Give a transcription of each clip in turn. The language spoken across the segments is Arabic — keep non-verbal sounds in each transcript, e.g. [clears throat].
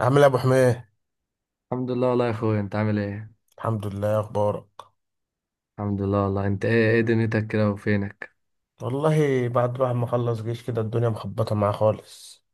عامل ايه يا ابو حميد؟ الحمد لله والله يا اخويا، انت عامل ايه؟ الحمد لله. إيه اخبارك؟ الحمد لله والله. انت ايه، ايه دنيتك كده وفينك؟ والله بعد بقى ما اخلص جيش كده، الدنيا مخبطه معاه خالص.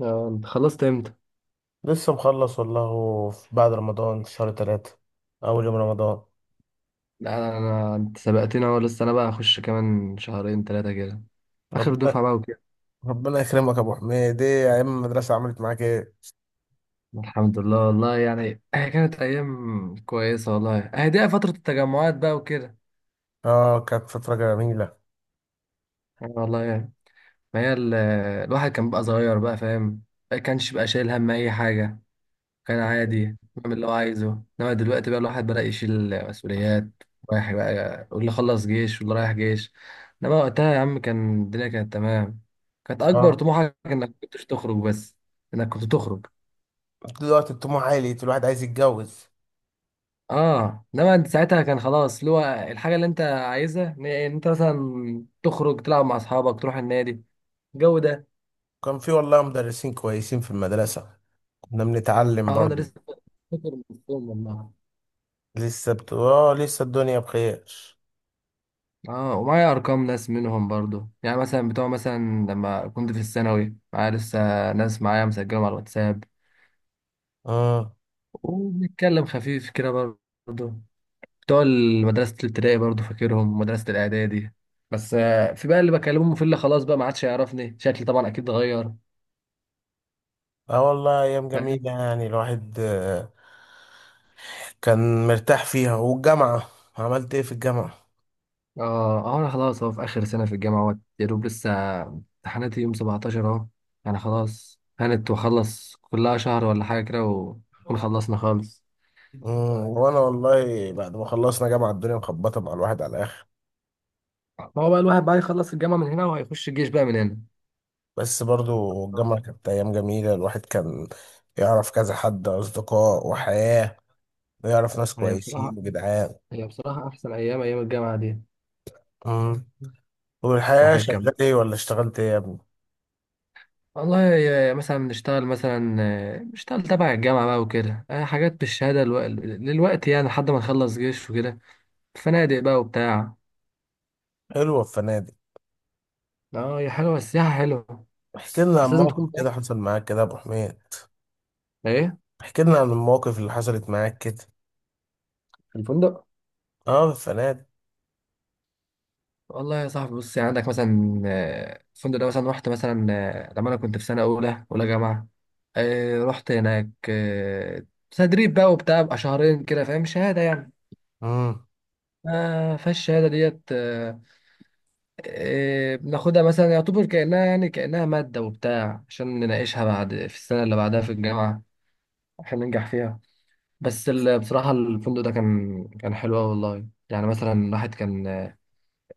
اه انت خلصت امتى؟ لسه مخلص والله بعد رمضان في شهر ثلاثة، اول يوم رمضان. لا انا, أنا انت سبقتني اهو، لسه انا بقى اخش كمان شهرين ثلاثه كده. اخر ربنا. دفعه بقى وكده. ربنا يكرمك يا ابو حميد. ايه يا ايام المدرسه، عملت معاك ايه؟ الحمد لله والله يعني. [clears throat] هي كانت ايام كويسه والله، هي دي فتره التجمعات بقى وكده. اه كانت فتره جميله. يعني والله يعني. ما هي ال- الواحد كان بقى صغير، بقى فاهم. ما كانش بقى شايل هم اي حاجه، كان عادي بعمل اللي هو عايزه. انما دلوقتي بقى الواحد بدأ يشيل مسؤوليات، رايح بقى، واللي خلص جيش واللي رايح جيش. انما وقتها يا عم كان الدنيا كانت تمام، كانت اكبر اه، طموحك انك كنتش تخرج بس، انك كنت تخرج. دلوقتي الطموح عالي، الواحد عايز يتجوز. اه انما انت ساعتها كان خلاص اللي هو الحاجه اللي انت عايزها إن انت مثلا تخرج، تلعب مع اصحابك، تروح النادي، الجو ده. كان في والله مدرسين كويسين في المدرسه، كنا بنتعلم اه انا برضو. لسه فاكر من اليوم والله. اه لسه الدنيا بخير. اه ومعايا ارقام ناس منهم برضو، يعني مثلا بتوع مثلا لما كنت في الثانوي معايا، لسه ناس معايا مسجلهم على الواتساب اه وبنتكلم خفيف كده برضو. بتوع مدرسة الابتدائي برضو فاكرهم، مدرسة الاعدادي. بس في بقى اللي بكلمهم في اللي خلاص بقى ما عادش يعرفني شكلي، طبعا اكيد اتغير. اه والله ايام فاهم. جميله، يعني الواحد كان مرتاح فيها. والجامعه، عملت ايه في الجامعه؟ اه اه انا خلاص اهو في اخر سنة في الجامعة، اهوت يا دوب لسه امتحاناتي يوم 17 اهو. يعني خلاص كانت، واخلص كلها شهر ولا حاجة كده ونكون خلصنا خالص. وانا والله بعد ما خلصنا جامعه الدنيا مخبطه مع الواحد على الاخر. ما هو بقى الواحد بقى يخلص الجامعة من هنا وهيخش الجيش بقى من هنا. بس برضو الجامعه كانت ايام جميله، الواحد كان يعرف كذا حد اصدقاء وحياه، ويعرف ناس هي بصراحة كويسين وجدعان. هي بصراحة أحسن أيام، أيام الجامعة دي. مم. والحياه، الواحد كان، شغال ايه ولا اشتغلت ايه يا ابني؟ مثلا نشتغل، مثلا نشتغل تبع الجامعة بقى وكده، حاجات للوقت، يعني لحد ما نخلص جيش وكده. فنادق بقى وبتاع. حلوه في فنادق. اه هي حلوة السياحة، حلوة. احكي لنا عن بس لازم موقف تكون كده فاهم. حصل معاك كده يا ابو حميد، ايه. احكي لنا عن المواقف اللي حصلت معاك كده. في الفندق. اه في الفنادق. والله يا صاحبي بص، يعني عندك مثلا الفندق ده مثلا، رحت مثلا لما انا كنت في سنه اولى جامعه، رحت هناك تدريب بقى وبتاع بقى، شهرين كده، فاهم، شهاده يعني. مم. فالشهاده ديت بناخدها مثلا، يعتبر كانها يعني كانها ماده وبتاع عشان نناقشها بعد في السنه اللي بعدها في الجامعه عشان ننجح فيها. بصراحه الفندق ده كان حلو أوي والله، يعني مثلا الواحد كان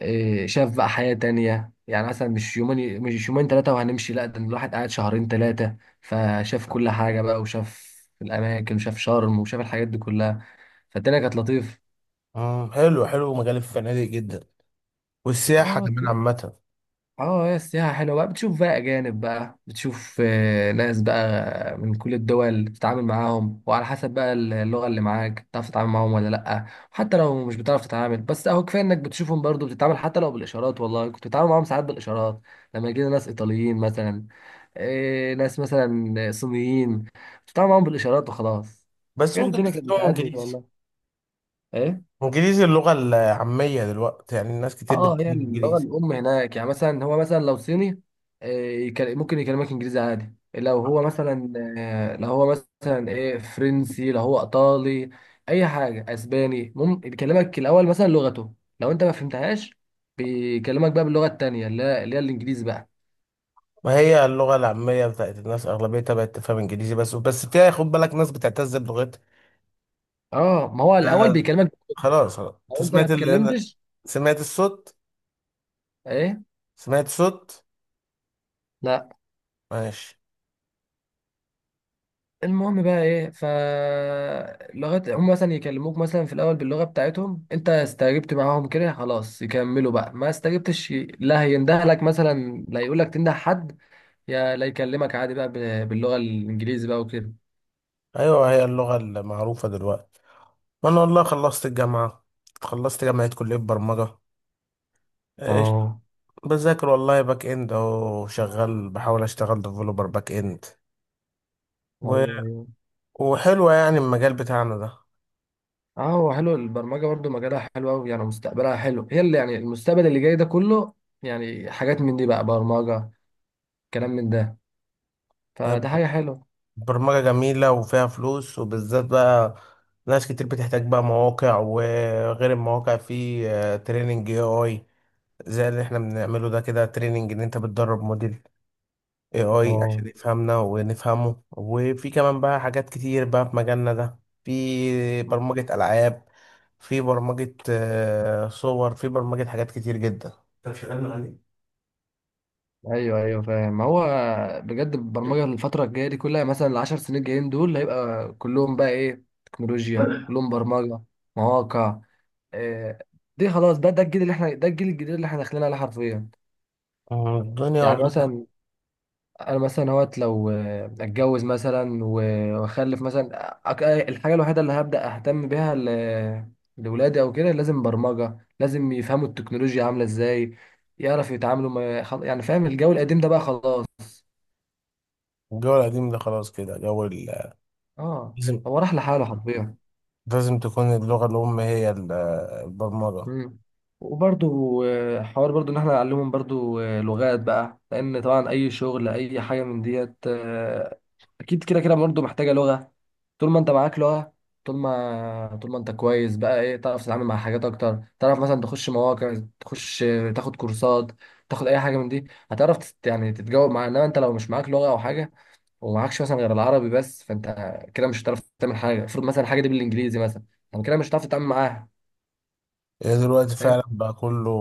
شاف بقى حياة تانية. يعني مثلا مش يومين، مش يومين ثلاثة وهنمشي، لا ده الواحد قاعد شهرين ثلاثة فشاف كل حاجة بقى، وشاف الأماكن وشاف شرم وشاف الحاجات دي كلها. فالدنيا كانت لطيفة. حلو حلو، مجال الفنادق جدا، والسياحة اه. كمان عامة. اه هي السياحة حلوة بقى، بتشوف بقى أجانب بقى، بتشوف ناس بقى من كل الدول، بتتعامل معاهم وعلى حسب بقى اللغة اللي معاك بتعرف تتعامل معاهم ولا لأ. حتى لو مش بتعرف تتعامل، بس أهو كفاية إنك بتشوفهم برضو بتتعامل، حتى لو بالإشارات. والله كنت بتتعامل معاهم ساعات بالإشارات. لما يجينا ناس إيطاليين مثلا، ناس مثلا صينيين، بتتعامل معاهم بالإشارات وخلاص. بس بس كانت ممكن الدنيا كانت تتكلم بتعدي انجليزي. والله. إيه. انجليزي اللغة العامية دلوقتي، يعني الناس كتير اه هي بتتكلم اللغه انجليزي. الام هناك. يعني مثلا هو مثلا لو صيني، آه، ممكن يكلمك انجليزي عادي. لو هو مثلا لو هو مثلا ايه فرنسي، لو هو ايطالي، اي حاجه، اسباني، ممكن يكلمك الاول مثلا لغته، لو انت ما فهمتهاش بيكلمك بقى باللغه التانيه اللي هي الانجليزي بقى. ما هي اللغة العامية بتاعت الناس أغلبيتها بقت تفهم انجليزي، بس بس فيها خد بالك، ناس بتعتز بلغتها. اه ما هو ده الاول بيكلمك. خلاص خلاص، انت لو انت ما سمعت اللي انا اتكلمتش. سمعت الصوت، ايه. سمعت صوت؟ لا. ماشي. المهم بقى ايه، ف لغايه هم مثلا يكلموك مثلا في الاول باللغه بتاعتهم، انت استجبت معاهم كده، خلاص يكملوا بقى. ما استجبتش، لا هيندهلك مثلا، لا يقول لك تنده حد، يا لا يكلمك عادي بقى، باللغه الانجليزي بقى وكده. ايوه هي اللغة المعروفة دلوقتي. وانا والله خلصت الجامعة، خلصت جامعة كلية برمجة، اه. بذاكر والله باك اند، اهو شغال بحاول اشتغل ديفلوبر باك اند. و... ايوه، ايوه. وحلوة يعني المجال بتاعنا ده. اه هو حلو البرمجه برضو، مجالها حلو قوي، يعني مستقبلها حلو. هي اللي يعني المستقبل اللي جاي ده كله، يعني حاجات من دي بقى، برمجه، كلام من ده. فده حاجه حلوه. برمجة جميلة وفيها فلوس، وبالذات بقى ناس كتير بتحتاج بقى مواقع، وغير المواقع في تريننج اي اي، زي اللي احنا بنعمله ده كده، تريننج ان انت بتدرب موديل AI اه عشان يفهمنا ونفهمه، وفي كمان بقى حاجات كتير بقى في مجالنا ده، في برمجة ألعاب، في برمجة صور، في برمجة حاجات كتير جدا. انت شغال مع مين؟ ايوه ايوه فاهم. ما هو بجد البرمجه الفتره الجايه دي كلها، مثلا العشر سنين الجايين دول هيبقى كلهم بقى ايه، تكنولوجيا، كلهم برمجه، مواقع. إيه. دي خلاص، ده الجيل اللي احنا، ده الجيل الجديد اللي احنا داخلين عليه حرفيا. الدنيا يعني والله. مثلا انا مثلا اهوت لو اتجوز مثلا واخلف مثلا، الحاجه الوحيده اللي هبدا اهتم بيها لولادي او كده، لازم برمجه، لازم يفهموا التكنولوجيا عامله ازاي، يعرف يتعاملوا. يعني فاهم الجو القديم ده بقى خلاص. الجو القديم ده خلاص كده، اه لازم هو راح لحاله حرفيا. لازم تكون اللغة الأم هي البرمجة. مم. وبرضو حوار برضو ان احنا نعلمهم برضو لغات بقى، لان طبعا اي شغل اي حاجه من ديت اكيد كده كده برضو محتاجه لغه. طول ما انت معاك لغه، طول ما انت كويس بقى ايه، تعرف تتعامل مع حاجات اكتر، تعرف مثلا تخش مواقع، تخش تاخد كورسات، تاخد اي حاجه من دي، يعني تتجاوب معاها. انما انت لو مش معاك لغه او حاجه، ومعكش مثلا غير العربي بس، فانت كده مش هتعرف تعمل حاجه، المفروض مثلا الحاجه دي بالانجليزي مثلا، طب كده مش هتعرف تتعامل معاها. هي دلوقتي فاهم. فعلا بقى كله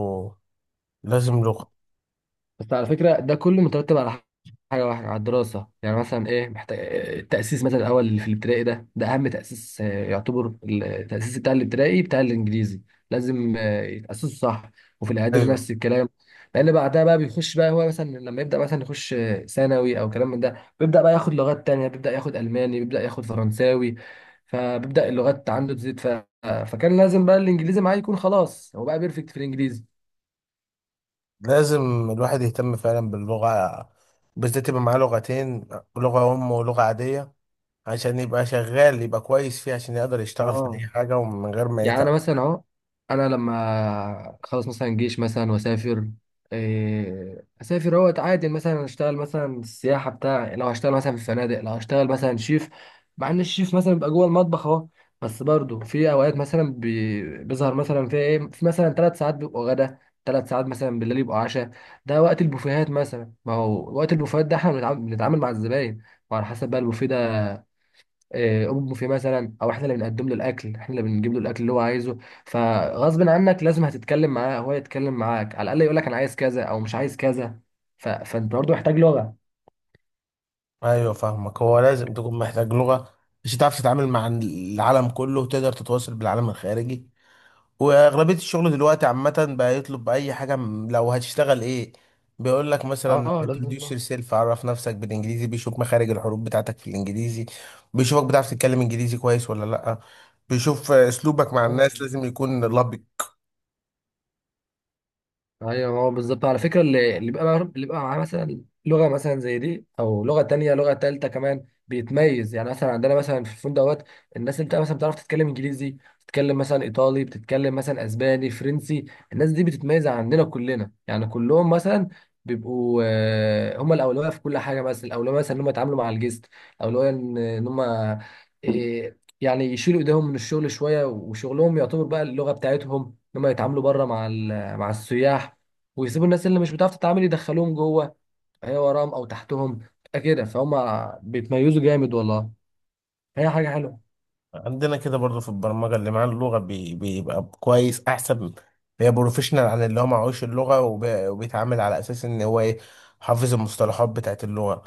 لازم لغة. بس على فكرة ده كله مترتب على حاجة واحدة، على الدراسة، يعني مثلا إيه، محتاج التأسيس مثلا الأول اللي في الابتدائي ده، ده أهم تأسيس يعتبر التأسيس بتاع الابتدائي، بتاع الإنجليزي، لازم يتأسسوا صح، وفي الإعدادي أيوه، نفس الكلام. لأن بعدها بقى بيخش بقى، هو مثلا لما يبدأ مثلا يخش ثانوي أو كلام من ده بيبدأ بقى ياخد لغات تانية، بيبدأ ياخد ألماني، بيبدأ ياخد فرنساوي، فبيبدأ اللغات عنده تزيد ف، فكان لازم بقى الإنجليزي معاه يكون خلاص، هو بقى بيرفكت في الإنجليزي. لازم الواحد يهتم فعلا باللغة، بالذات يبقى معاه لغتين، لغة أم ولغة عادية، عشان يبقى شغال، يبقى كويس فيه، عشان يقدر يشتغل في اه. اي حاجه ومن غير ما يعني انا يتعب. مثلا اهو، انا لما اخلص مثلا جيش مثلا واسافر، اسافر اهو عادي مثلا اشتغل مثلا السياحه بتاع، لو هشتغل مثلا في فنادق، لو هشتغل مثلا شيف، مع ان الشيف مثلا بيبقى جوه المطبخ اهو، بس برضه في اوقات مثلا بيظهر مثلا في ايه، في مثلا ثلاث ساعات بيبقوا غدا، ثلاث ساعات مثلا بالليل يبقوا عشاء. ده وقت البوفيهات، مثلا ما هو وقت البوفيهات ده احنا بنتعامل مع الزباين، وعلى حسب بقى البوفيه ده امه في مثلا، او احنا اللي بنقدم له الاكل، احنا اللي بنجيب له الاكل اللي هو عايزه. فغصب عنك لازم هتتكلم معاه، هو يتكلم معاك على الاقل، يقول لك انا عايز كذا او مش عايز كذا. فانت برضه محتاج لغه. ايوه فاهمك، هو لازم تكون محتاج لغه، عشان تعرف تتعامل مع العالم كله وتقدر تتواصل بالعالم الخارجي. واغلبيه الشغل دلوقتي عامه بقى يطلب، باي حاجه لو هتشتغل ايه، بيقول لك اه. مثلا لازم introduce لغه. yourself، عرف نفسك بالانجليزي، بيشوف مخارج الحروف بتاعتك في الانجليزي، بيشوفك بتعرف تتكلم انجليزي كويس ولا لا، بيشوف اسلوبك مع اه الناس، لازم يكون لبق. ايوه، هو بالظبط على فكره. اللي بيبقى معاه مثلا لغه مثلا زي دي، او لغه تانية لغه تالتة كمان، بيتميز. يعني مثلا عندنا مثلا في الفندق دوت، الناس اللي بتبقى مثلا بتعرف تتكلم انجليزي، بتتكلم مثلا ايطالي، بتتكلم مثلا اسباني، فرنسي، الناس دي بتتميز عندنا كلنا. يعني كلهم مثلا بيبقوا هم الاولويه في كل حاجه، مثلا الاولويه مثلا ان هم يتعاملوا مع الجست، الاولويه ان هم يعني يشيلوا ايديهم من الشغل شويه، وشغلهم يعتبر بقى اللغه بتاعتهم، ان هم يتعاملوا بره مع مع السياح، ويسيبوا الناس اللي مش بتعرف تتعامل يدخلوهم جوه، هي وراهم او تحتهم، تبقى كده فهم. بيتميزوا جامد والله، هي حاجه حلوه. عندنا كده برضو في البرمجة، اللي معاه اللغة بيبقى كويس أحسن، بيبقى بروفيشنال عن اللي هو معهوش اللغة، وبيتعامل على أساس إن هو إيه، حافظ المصطلحات بتاعت اللغة،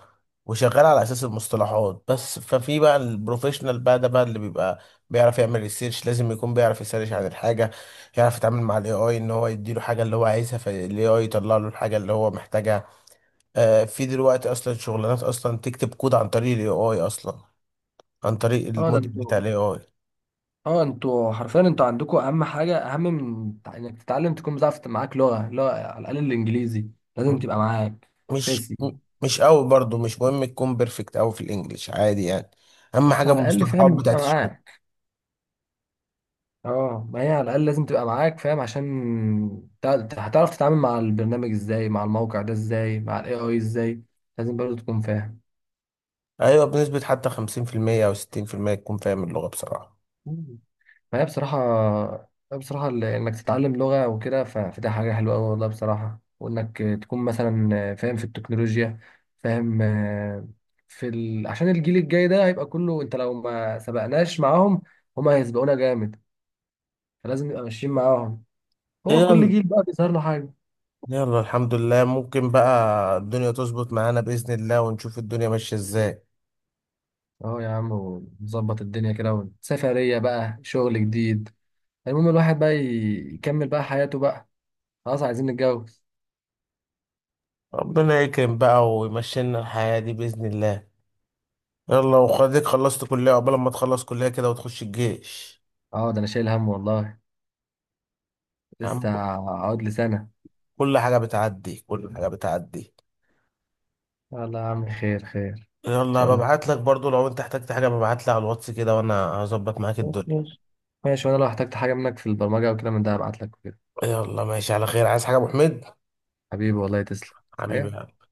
وشغال على أساس المصطلحات بس. ففي بقى البروفيشنال بقى ده بقى اللي بيبقى بيعرف يعمل ريسيرش، لازم يكون بيعرف يسيرش عن الحاجة، يعرف يتعامل مع الاي اي ان هو يديله حاجة اللي هو عايزها، فالاي اي يطلع له الحاجة اللي هو محتاجها. في دلوقتي اصلا شغلانات اصلا تكتب كود عن طريق الاي اي اصلا، عن طريق اه ده الموديل انتوا، بتاع الاي اي. اه انتوا حرفيا انتوا عندكم اهم حاجه، اهم من انك تتعلم تكون بتعرف معاك لغه، لغه على الاقل الانجليزي، لازم تبقى معاك مش اساسي. مش قوي برضو، مش مهم تكون بيرفكت قوي في الانجليش، عادي يعني، اهم بس حاجه على الاقل المصطلحات فاهم تبقى بتاعت الشغل. معاك. اه ما هي على الاقل لازم تبقى معاك فاهم، عشان هتعرف تتعامل مع البرنامج ازاي، مع الموقع ده ازاي، مع الاي اي ازاي، لازم برضه تكون فاهم. ايوه بنسبه حتى 50% او 60% تكون فاهم اللغه بصراحه. فهي بصراحة، بصراحة إنك تتعلم لغة وكده، فده حاجة حلوة أوي والله بصراحة، وإنك تكون مثلا فاهم في التكنولوجيا، فاهم عشان الجيل الجاي ده هيبقى كله، أنت لو ما سبقناش معاهم، هما هيسبقونا جامد، فلازم نبقى ماشيين معاهم. هو كل يلا جيل بقى بيظهر له حاجة. يلا الحمد لله، ممكن بقى الدنيا تظبط معانا باذن الله ونشوف الدنيا ماشيه ازاي. أهو يا عم، ونظبط الدنيا كده، سفرية بقى، شغل جديد، المهم الواحد بقى يكمل بقى حياته بقى، خلاص عايزين نتجوز. ربنا يكرم بقى ويمشي لنا الحياه دي باذن الله. يلا وخديك خلصت كليه قبل ما تخلص كليه كده وتخش الجيش. اه ده أنا شايل هم والله، يا لسه عم، هقعد لي سنة. كل حاجه بتعدي كل حاجه بتعدي. والله يا عم خير، خير ان يلا شاء الله. ببعت لك برضو، لو انت احتجت حاجة ببعت لي على الواتس كده وانا هظبط معاك خلاص الدنيا. ماشي. ماشي، وانا لو احتجت حاجه منك في البرمجه او كده من ده هبعت لك وكده. يلا ماشي على خير. عايز حاجة يا ابو حميد؟ حبيبي والله، تسلم. حاجه. حبيبي.